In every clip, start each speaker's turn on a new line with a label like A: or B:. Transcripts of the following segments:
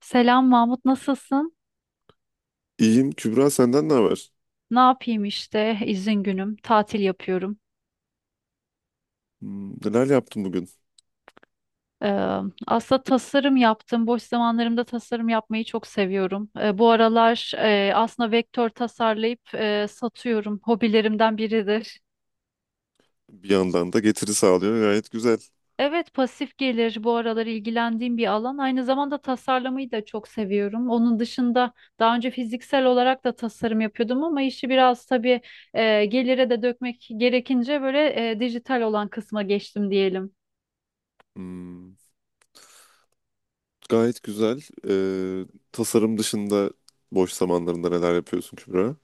A: Selam Mahmut, nasılsın?
B: İyiyim. Kübra senden ne haber?
A: Ne yapayım işte, izin günüm, tatil yapıyorum.
B: Hmm, neler yaptın bugün?
A: Ee, Aslında tasarım yaptım. Boş zamanlarımda tasarım yapmayı çok seviyorum. Bu aralar aslında vektör tasarlayıp satıyorum. Hobilerimden biridir.
B: Bir yandan da getiri sağlıyor. Gayet güzel.
A: Evet, pasif gelir bu aralar ilgilendiğim bir alan. Aynı zamanda tasarlamayı da çok seviyorum. Onun dışında daha önce fiziksel olarak da tasarım yapıyordum ama işi biraz tabii gelire de dökmek gerekince böyle dijital olan kısma geçtim diyelim.
B: Hmm, gayet güzel. Ee, Tasarım dışında boş zamanlarında neler yapıyorsun Kübra?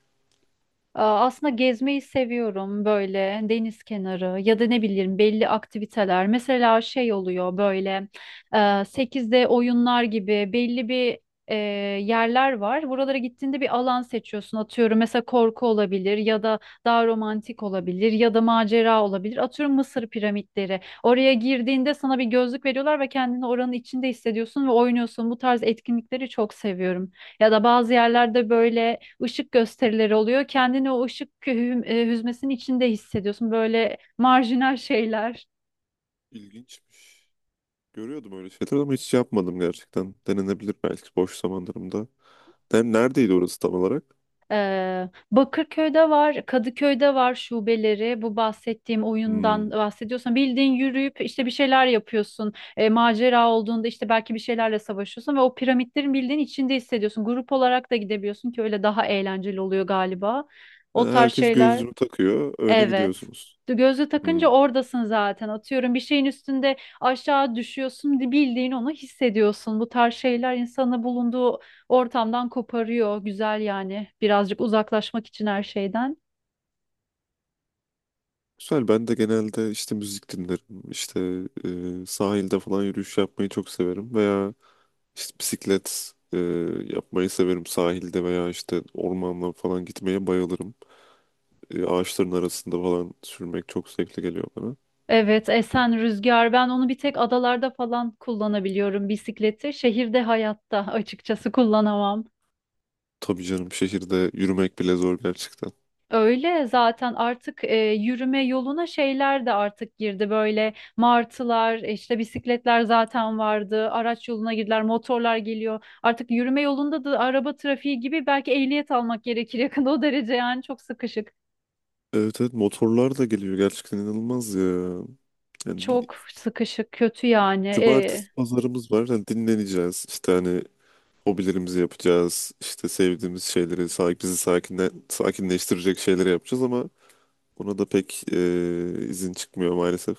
A: Aa, aslında gezmeyi seviyorum, böyle deniz kenarı ya da ne bileyim belli aktiviteler. Mesela şey oluyor, böyle e, 8'de oyunlar gibi belli bir e, yerler var. Buralara gittiğinde bir alan seçiyorsun. Atıyorum, mesela korku olabilir ya da daha romantik olabilir ya da macera olabilir. Atıyorum Mısır piramitleri. Oraya girdiğinde sana bir gözlük veriyorlar ve kendini oranın içinde hissediyorsun ve oynuyorsun. Bu tarz etkinlikleri çok seviyorum. Ya da bazı yerlerde böyle ışık gösterileri oluyor. Kendini o ışık hüzmesinin içinde hissediyorsun. Böyle marjinal şeyler.
B: İlginçmiş. Görüyordum öyle şeyler ama hiç yapmadım gerçekten. Denenebilir belki boş zamanlarımda. Neredeydi orası tam olarak?
A: Bakırköy'de var, Kadıköy'de var şubeleri. Bu bahsettiğim
B: Hmm.
A: oyundan bahsediyorsan bildiğin yürüyüp işte bir şeyler yapıyorsun. Macera olduğunda işte belki bir şeylerle savaşıyorsun ve o piramitlerin bildiğin içinde hissediyorsun. Grup olarak da gidebiliyorsun ki öyle daha eğlenceli oluyor galiba. O tarz
B: Herkes
A: şeyler.
B: gözlüğünü takıyor. Öyle
A: Evet.
B: gidiyorsunuz.
A: Gözlüğü takınca
B: Hmm.
A: oradasın zaten. Atıyorum, bir şeyin üstünde aşağı düşüyorsun, bildiğin onu hissediyorsun. Bu tarz şeyler insanı bulunduğu ortamdan koparıyor. Güzel yani. Birazcık uzaklaşmak için her şeyden.
B: Güzel. Ben de genelde işte müzik dinlerim. İşte sahilde falan yürüyüş yapmayı çok severim. Veya İşte bisiklet yapmayı severim. Sahilde veya işte ormanla falan gitmeye bayılırım. Ağaçların arasında falan sürmek çok zevkli geliyor bana.
A: Evet, esen rüzgar. Ben onu bir tek adalarda falan kullanabiliyorum bisikleti. Şehirde hayatta açıkçası kullanamam.
B: Tabii canım şehirde yürümek bile zor gerçekten.
A: Öyle zaten artık yürüme yoluna şeyler de artık girdi, böyle martılar, işte bisikletler zaten vardı, araç yoluna girdiler, motorlar geliyor artık yürüme yolunda da, araba trafiği gibi, belki ehliyet almak gerekir yakında, o derece yani, çok sıkışık
B: Evet evet, motorlar da geliyor gerçekten, inanılmaz ya. Yani bir
A: çok sıkışık kötü yani
B: cumartesi pazarımız var. Yani dinleneceğiz. İşte hani hobilerimizi yapacağız. İşte sevdiğimiz şeyleri, bizi sakinleştirecek şeyleri yapacağız ama ona da pek izin çıkmıyor maalesef.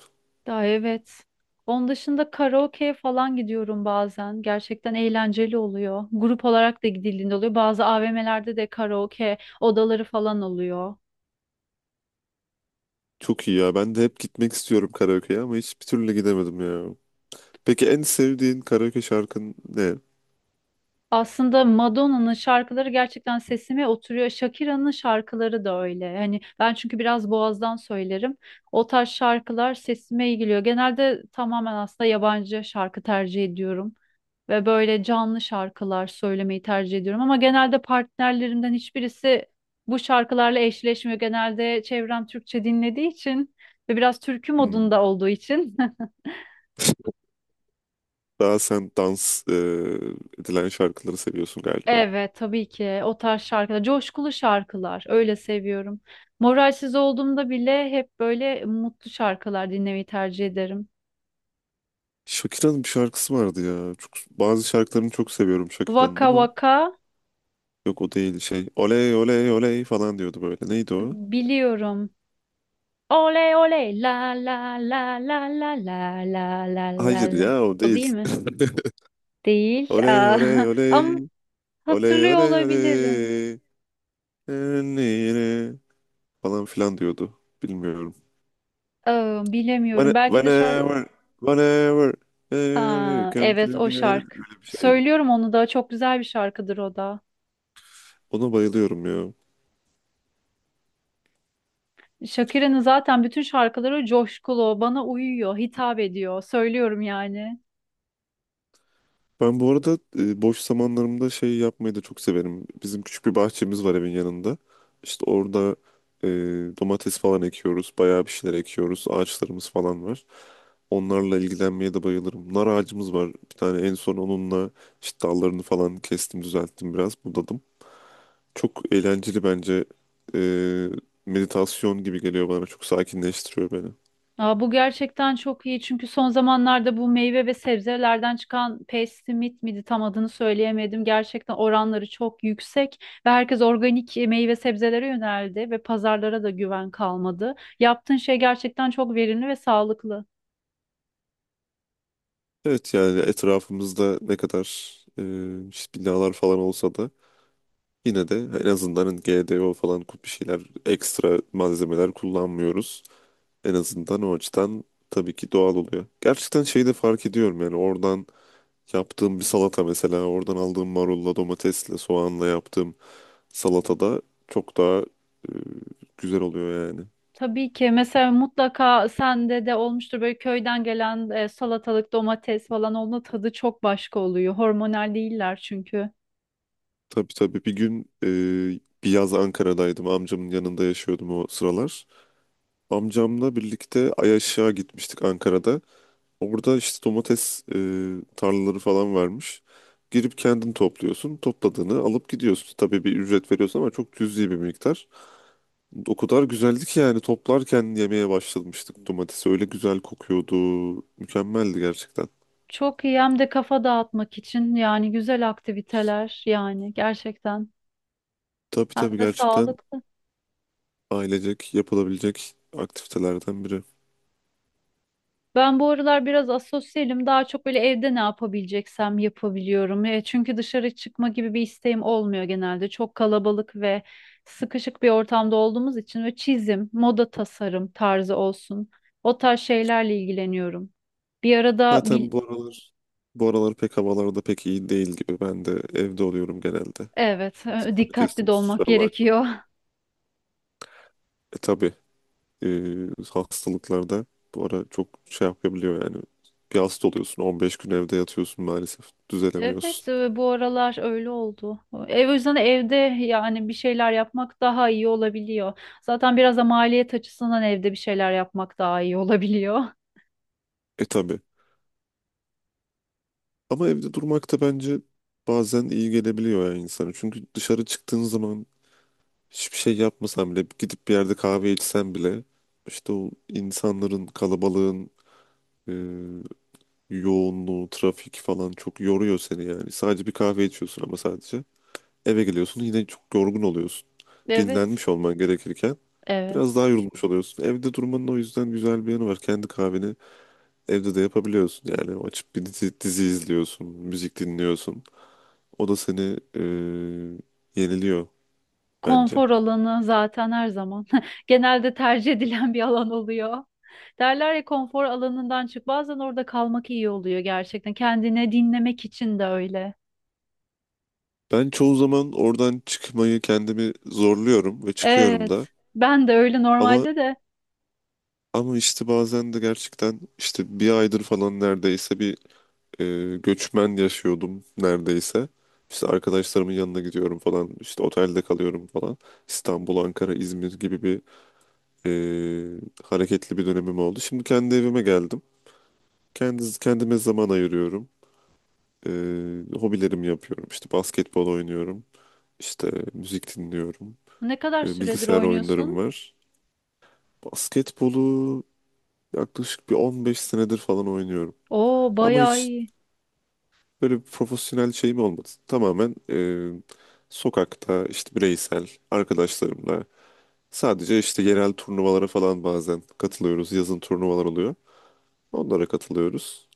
A: daha. Evet, onun dışında karaoke falan gidiyorum, bazen gerçekten eğlenceli oluyor, grup olarak da gidildiğinde oluyor, bazı AVM'lerde de karaoke odaları falan oluyor.
B: Çok iyi ya. Ben de hep gitmek istiyorum karaoke'ye ama hiçbir türlü gidemedim ya. Peki en sevdiğin karaoke şarkın ne?
A: Aslında Madonna'nın şarkıları gerçekten sesime oturuyor. Shakira'nın şarkıları da öyle. Hani ben çünkü biraz boğazdan söylerim. O tarz şarkılar sesime iyi geliyor. Genelde tamamen aslında yabancı şarkı tercih ediyorum ve böyle canlı şarkılar söylemeyi tercih ediyorum, ama genelde partnerlerimden hiçbirisi bu şarkılarla eşleşmiyor. Genelde çevrem Türkçe dinlediği için ve biraz türkü
B: Hmm.
A: modunda olduğu için.
B: Daha sen dans edilen şarkıları seviyorsun galiba.
A: Evet tabii ki, o tarz şarkılar, coşkulu şarkılar, öyle seviyorum. Moralsiz olduğumda bile hep böyle mutlu şarkılar dinlemeyi tercih ederim.
B: Shakira'nın bir şarkısı vardı ya. Çok, bazı şarkılarını çok seviyorum Shakira'nın
A: Vaka
B: ama
A: vaka
B: yok, o değil, şey. Oley oley oley falan diyordu böyle. Neydi o?
A: biliyorum. Oley oley la la la la la la la la la
B: Hayır
A: la.
B: ya, o
A: O değil
B: değil.
A: mi? Değil.
B: Oley
A: Aa,
B: oley
A: ama
B: oley oley
A: hatırlıyor olabilirim.
B: oley oley falan filan diyordu. Bilmiyorum.
A: Aa, bilemiyorum. Belki de şarkı.
B: Whenever, whenever, whenever you
A: Ha,
B: come
A: evet, o
B: together.
A: şarkı.
B: Öyle bir şeydi.
A: Söylüyorum onu da, çok güzel bir şarkıdır o da.
B: Ona bayılıyorum ya.
A: Shakira'nın zaten bütün şarkıları coşkulu, bana uyuyor, hitap ediyor. Söylüyorum yani.
B: Ben bu arada boş zamanlarımda şey yapmayı da çok severim. Bizim küçük bir bahçemiz var evin yanında. İşte orada e, domates falan ekiyoruz. Bayağı bir şeyler ekiyoruz. Ağaçlarımız falan var. Onlarla ilgilenmeye de bayılırım. Nar ağacımız var. Bir tane en son onunla işte dallarını falan kestim, düzelttim biraz. Budadım. Çok eğlenceli bence. Ee, Meditasyon gibi geliyor bana. Çok sakinleştiriyor beni.
A: Aa, bu gerçekten çok iyi, çünkü son zamanlarda bu meyve ve sebzelerden çıkan Pestimit miydi, tam adını söyleyemedim. Gerçekten oranları çok yüksek ve herkes organik meyve sebzelere yöneldi ve pazarlara da güven kalmadı. Yaptığın şey gerçekten çok verimli ve sağlıklı.
B: Evet yani etrafımızda ne kadar işte binalar falan olsa da yine de en azından hani GDO falan bir şeyler, ekstra malzemeler kullanmıyoruz. En azından o açıdan tabii ki doğal oluyor. Gerçekten şeyi de fark ediyorum yani oradan yaptığım bir salata mesela, oradan aldığım marulla, domatesle, soğanla yaptığım salatada çok daha e, güzel oluyor yani.
A: Tabii ki, mesela mutlaka sende de olmuştur, böyle köyden gelen salatalık, domates falan, onun tadı çok başka oluyor. Hormonal değiller çünkü.
B: Tabii tabii, bir gün bir yaz Ankara'daydım. Amcamın yanında yaşıyordum o sıralar. Amcamla birlikte Ayaşık'a gitmiştik Ankara'da. Orada işte domates tarlaları falan varmış. Girip kendin topluyorsun. Topladığını alıp gidiyorsun. Tabii bir ücret veriyorsun ama çok cüzi bir miktar. O kadar güzeldi ki yani toplarken yemeye başlamıştık domatesi. Öyle güzel kokuyordu. Mükemmeldi gerçekten.
A: Çok iyi, hem de kafa dağıtmak için yani, güzel aktiviteler yani, gerçekten
B: Tabii
A: hem
B: tabii,
A: de
B: gerçekten
A: sağlıklı.
B: ailecek yapılabilecek aktivitelerden biri.
A: Ben bu aralar biraz asosyalim. Daha çok böyle evde ne yapabileceksem yapabiliyorum. Çünkü dışarı çıkma gibi bir isteğim olmuyor genelde. Çok kalabalık ve sıkışık bir ortamda olduğumuz için, ve çizim, moda tasarım tarzı olsun. O tarz şeylerle ilgileniyorum. Bir arada
B: Zaten bu aralar, pek havalarda pek iyi değil gibi. Ben de evde oluyorum genelde.
A: evet,
B: Sözünü
A: dikkatli
B: kestim,
A: de olmak
B: kusura bakma.
A: gerekiyor.
B: E tabii, e, hastalıklarda bu ara çok şey yapabiliyor yani. Bir hasta oluyorsun, 15 gün evde yatıyorsun maalesef.
A: Evet,
B: Düzelemiyorsun.
A: bu aralar öyle oldu. Ev, o yüzden evde yani bir şeyler yapmak daha iyi olabiliyor. Zaten biraz da maliyet açısından evde bir şeyler yapmak daha iyi olabiliyor.
B: E tabii. Ama evde durmak da bence bazen iyi gelebiliyor yani insana. Çünkü dışarı çıktığın zaman hiçbir şey yapmasan bile, gidip bir yerde kahve içsen bile işte o insanların kalabalığın e, yoğunluğu, trafik falan çok yoruyor seni yani. Sadece bir kahve içiyorsun ama sadece. Eve geliyorsun yine çok yorgun oluyorsun.
A: Evet,
B: Dinlenmiş olman gerekirken
A: evet.
B: biraz daha yorulmuş oluyorsun. Evde durmanın o yüzden güzel bir yanı var. Kendi kahveni evde de yapabiliyorsun. Yani açıp bir dizi izliyorsun, müzik dinliyorsun. O da seni yeniliyor bence.
A: Konfor alanı zaten her zaman genelde tercih edilen bir alan oluyor. Derler ya, konfor alanından çık. Bazen orada kalmak iyi oluyor gerçekten. Kendine dinlemek için de öyle.
B: Ben çoğu zaman oradan çıkmayı kendimi zorluyorum ve çıkıyorum da.
A: Evet. Ben de öyle
B: Ama
A: normalde de.
B: ama işte bazen de gerçekten işte bir aydır falan neredeyse bir e, göçmen yaşıyordum neredeyse. İşte arkadaşlarımın yanına gidiyorum falan. İşte otelde kalıyorum falan. İstanbul, Ankara, İzmir gibi bir e, hareketli bir dönemim oldu. Şimdi kendi evime geldim. Kendime zaman ayırıyorum. E, Hobilerimi yapıyorum. İşte basketbol oynuyorum. İşte müzik dinliyorum.
A: Ne kadar süredir
B: Bilgisayar oyunlarım
A: oynuyorsun?
B: var. Basketbolu yaklaşık bir 15 senedir falan oynuyorum.
A: Oo,
B: Ama
A: bayağı
B: hiç
A: iyi.
B: böyle bir profesyonel şey mi olmadı? Tamamen sokakta işte bireysel arkadaşlarımla sadece işte yerel turnuvalara falan bazen katılıyoruz. Yazın turnuvalar oluyor. Onlara katılıyoruz.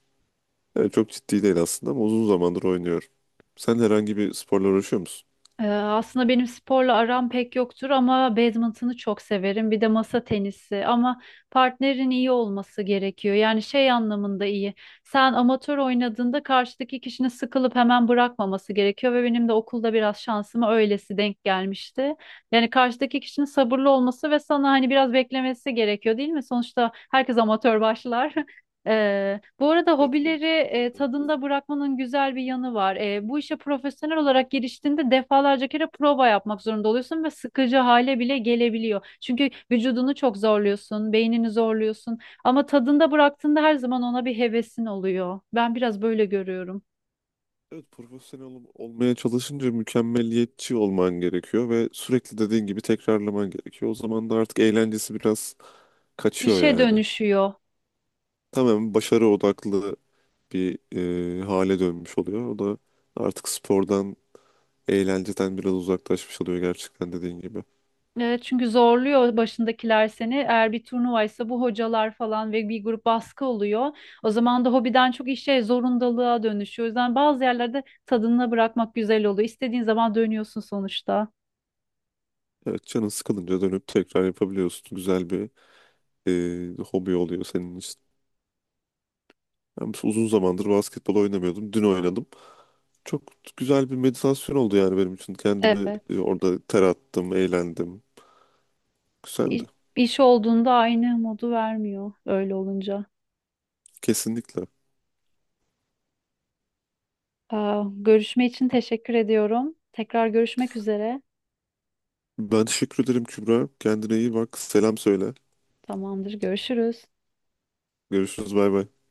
B: Yani çok ciddi değil aslında ama uzun zamandır oynuyorum. Sen herhangi bir sporla uğraşıyor musun?
A: Aslında benim sporla aram pek yoktur ama badminton'u çok severim. Bir de masa tenisi, ama partnerin iyi olması gerekiyor. Yani şey anlamında iyi. Sen amatör oynadığında karşıdaki kişinin sıkılıp hemen bırakmaması gerekiyor, ve benim de okulda biraz şansıma öylesi denk gelmişti. Yani karşıdaki kişinin sabırlı olması ve sana hani biraz beklemesi gerekiyor değil mi? Sonuçta herkes amatör başlar. Bu arada hobileri
B: Badminton'da evet.
A: tadında bırakmanın güzel bir yanı var. Bu işe profesyonel olarak giriştiğinde defalarca kere prova yapmak zorunda oluyorsun ve sıkıcı hale bile gelebiliyor. Çünkü vücudunu çok zorluyorsun, beynini zorluyorsun. Ama tadında bıraktığında her zaman ona bir hevesin oluyor. Ben biraz böyle görüyorum.
B: Evet, profesyonel olmaya çalışınca mükemmeliyetçi olman gerekiyor ve sürekli dediğin gibi tekrarlaman gerekiyor. O zaman da artık eğlencesi biraz kaçıyor
A: İşe
B: yani.
A: dönüşüyor.
B: Tamamen başarı odaklı bir hale dönmüş oluyor. O da artık spordan, eğlenceden biraz uzaklaşmış oluyor gerçekten dediğin gibi.
A: Evet, çünkü zorluyor başındakiler seni. Eğer bir turnuvaysa, bu hocalar falan ve bir grup baskı oluyor. O zaman da hobiden çok işe, zorundalığa dönüşüyor. O yüzden bazı yerlerde tadına bırakmak güzel oluyor. İstediğin zaman dönüyorsun sonuçta.
B: Evet, canın sıkılınca dönüp tekrar yapabiliyorsun. Güzel bir hobi oluyor senin için. Ben uzun zamandır basketbol oynamıyordum. Dün oynadım. Çok güzel bir meditasyon oldu yani benim için. Kendimi
A: Evet.
B: orada ter attım, eğlendim. Güzeldi.
A: İş olduğunda aynı modu vermiyor öyle olunca.
B: Kesinlikle.
A: Aa, görüşme için teşekkür ediyorum. Tekrar görüşmek üzere.
B: Ben teşekkür ederim Kübra. Kendine iyi bak. Selam söyle.
A: Tamamdır, görüşürüz.
B: Görüşürüz. Bay bay.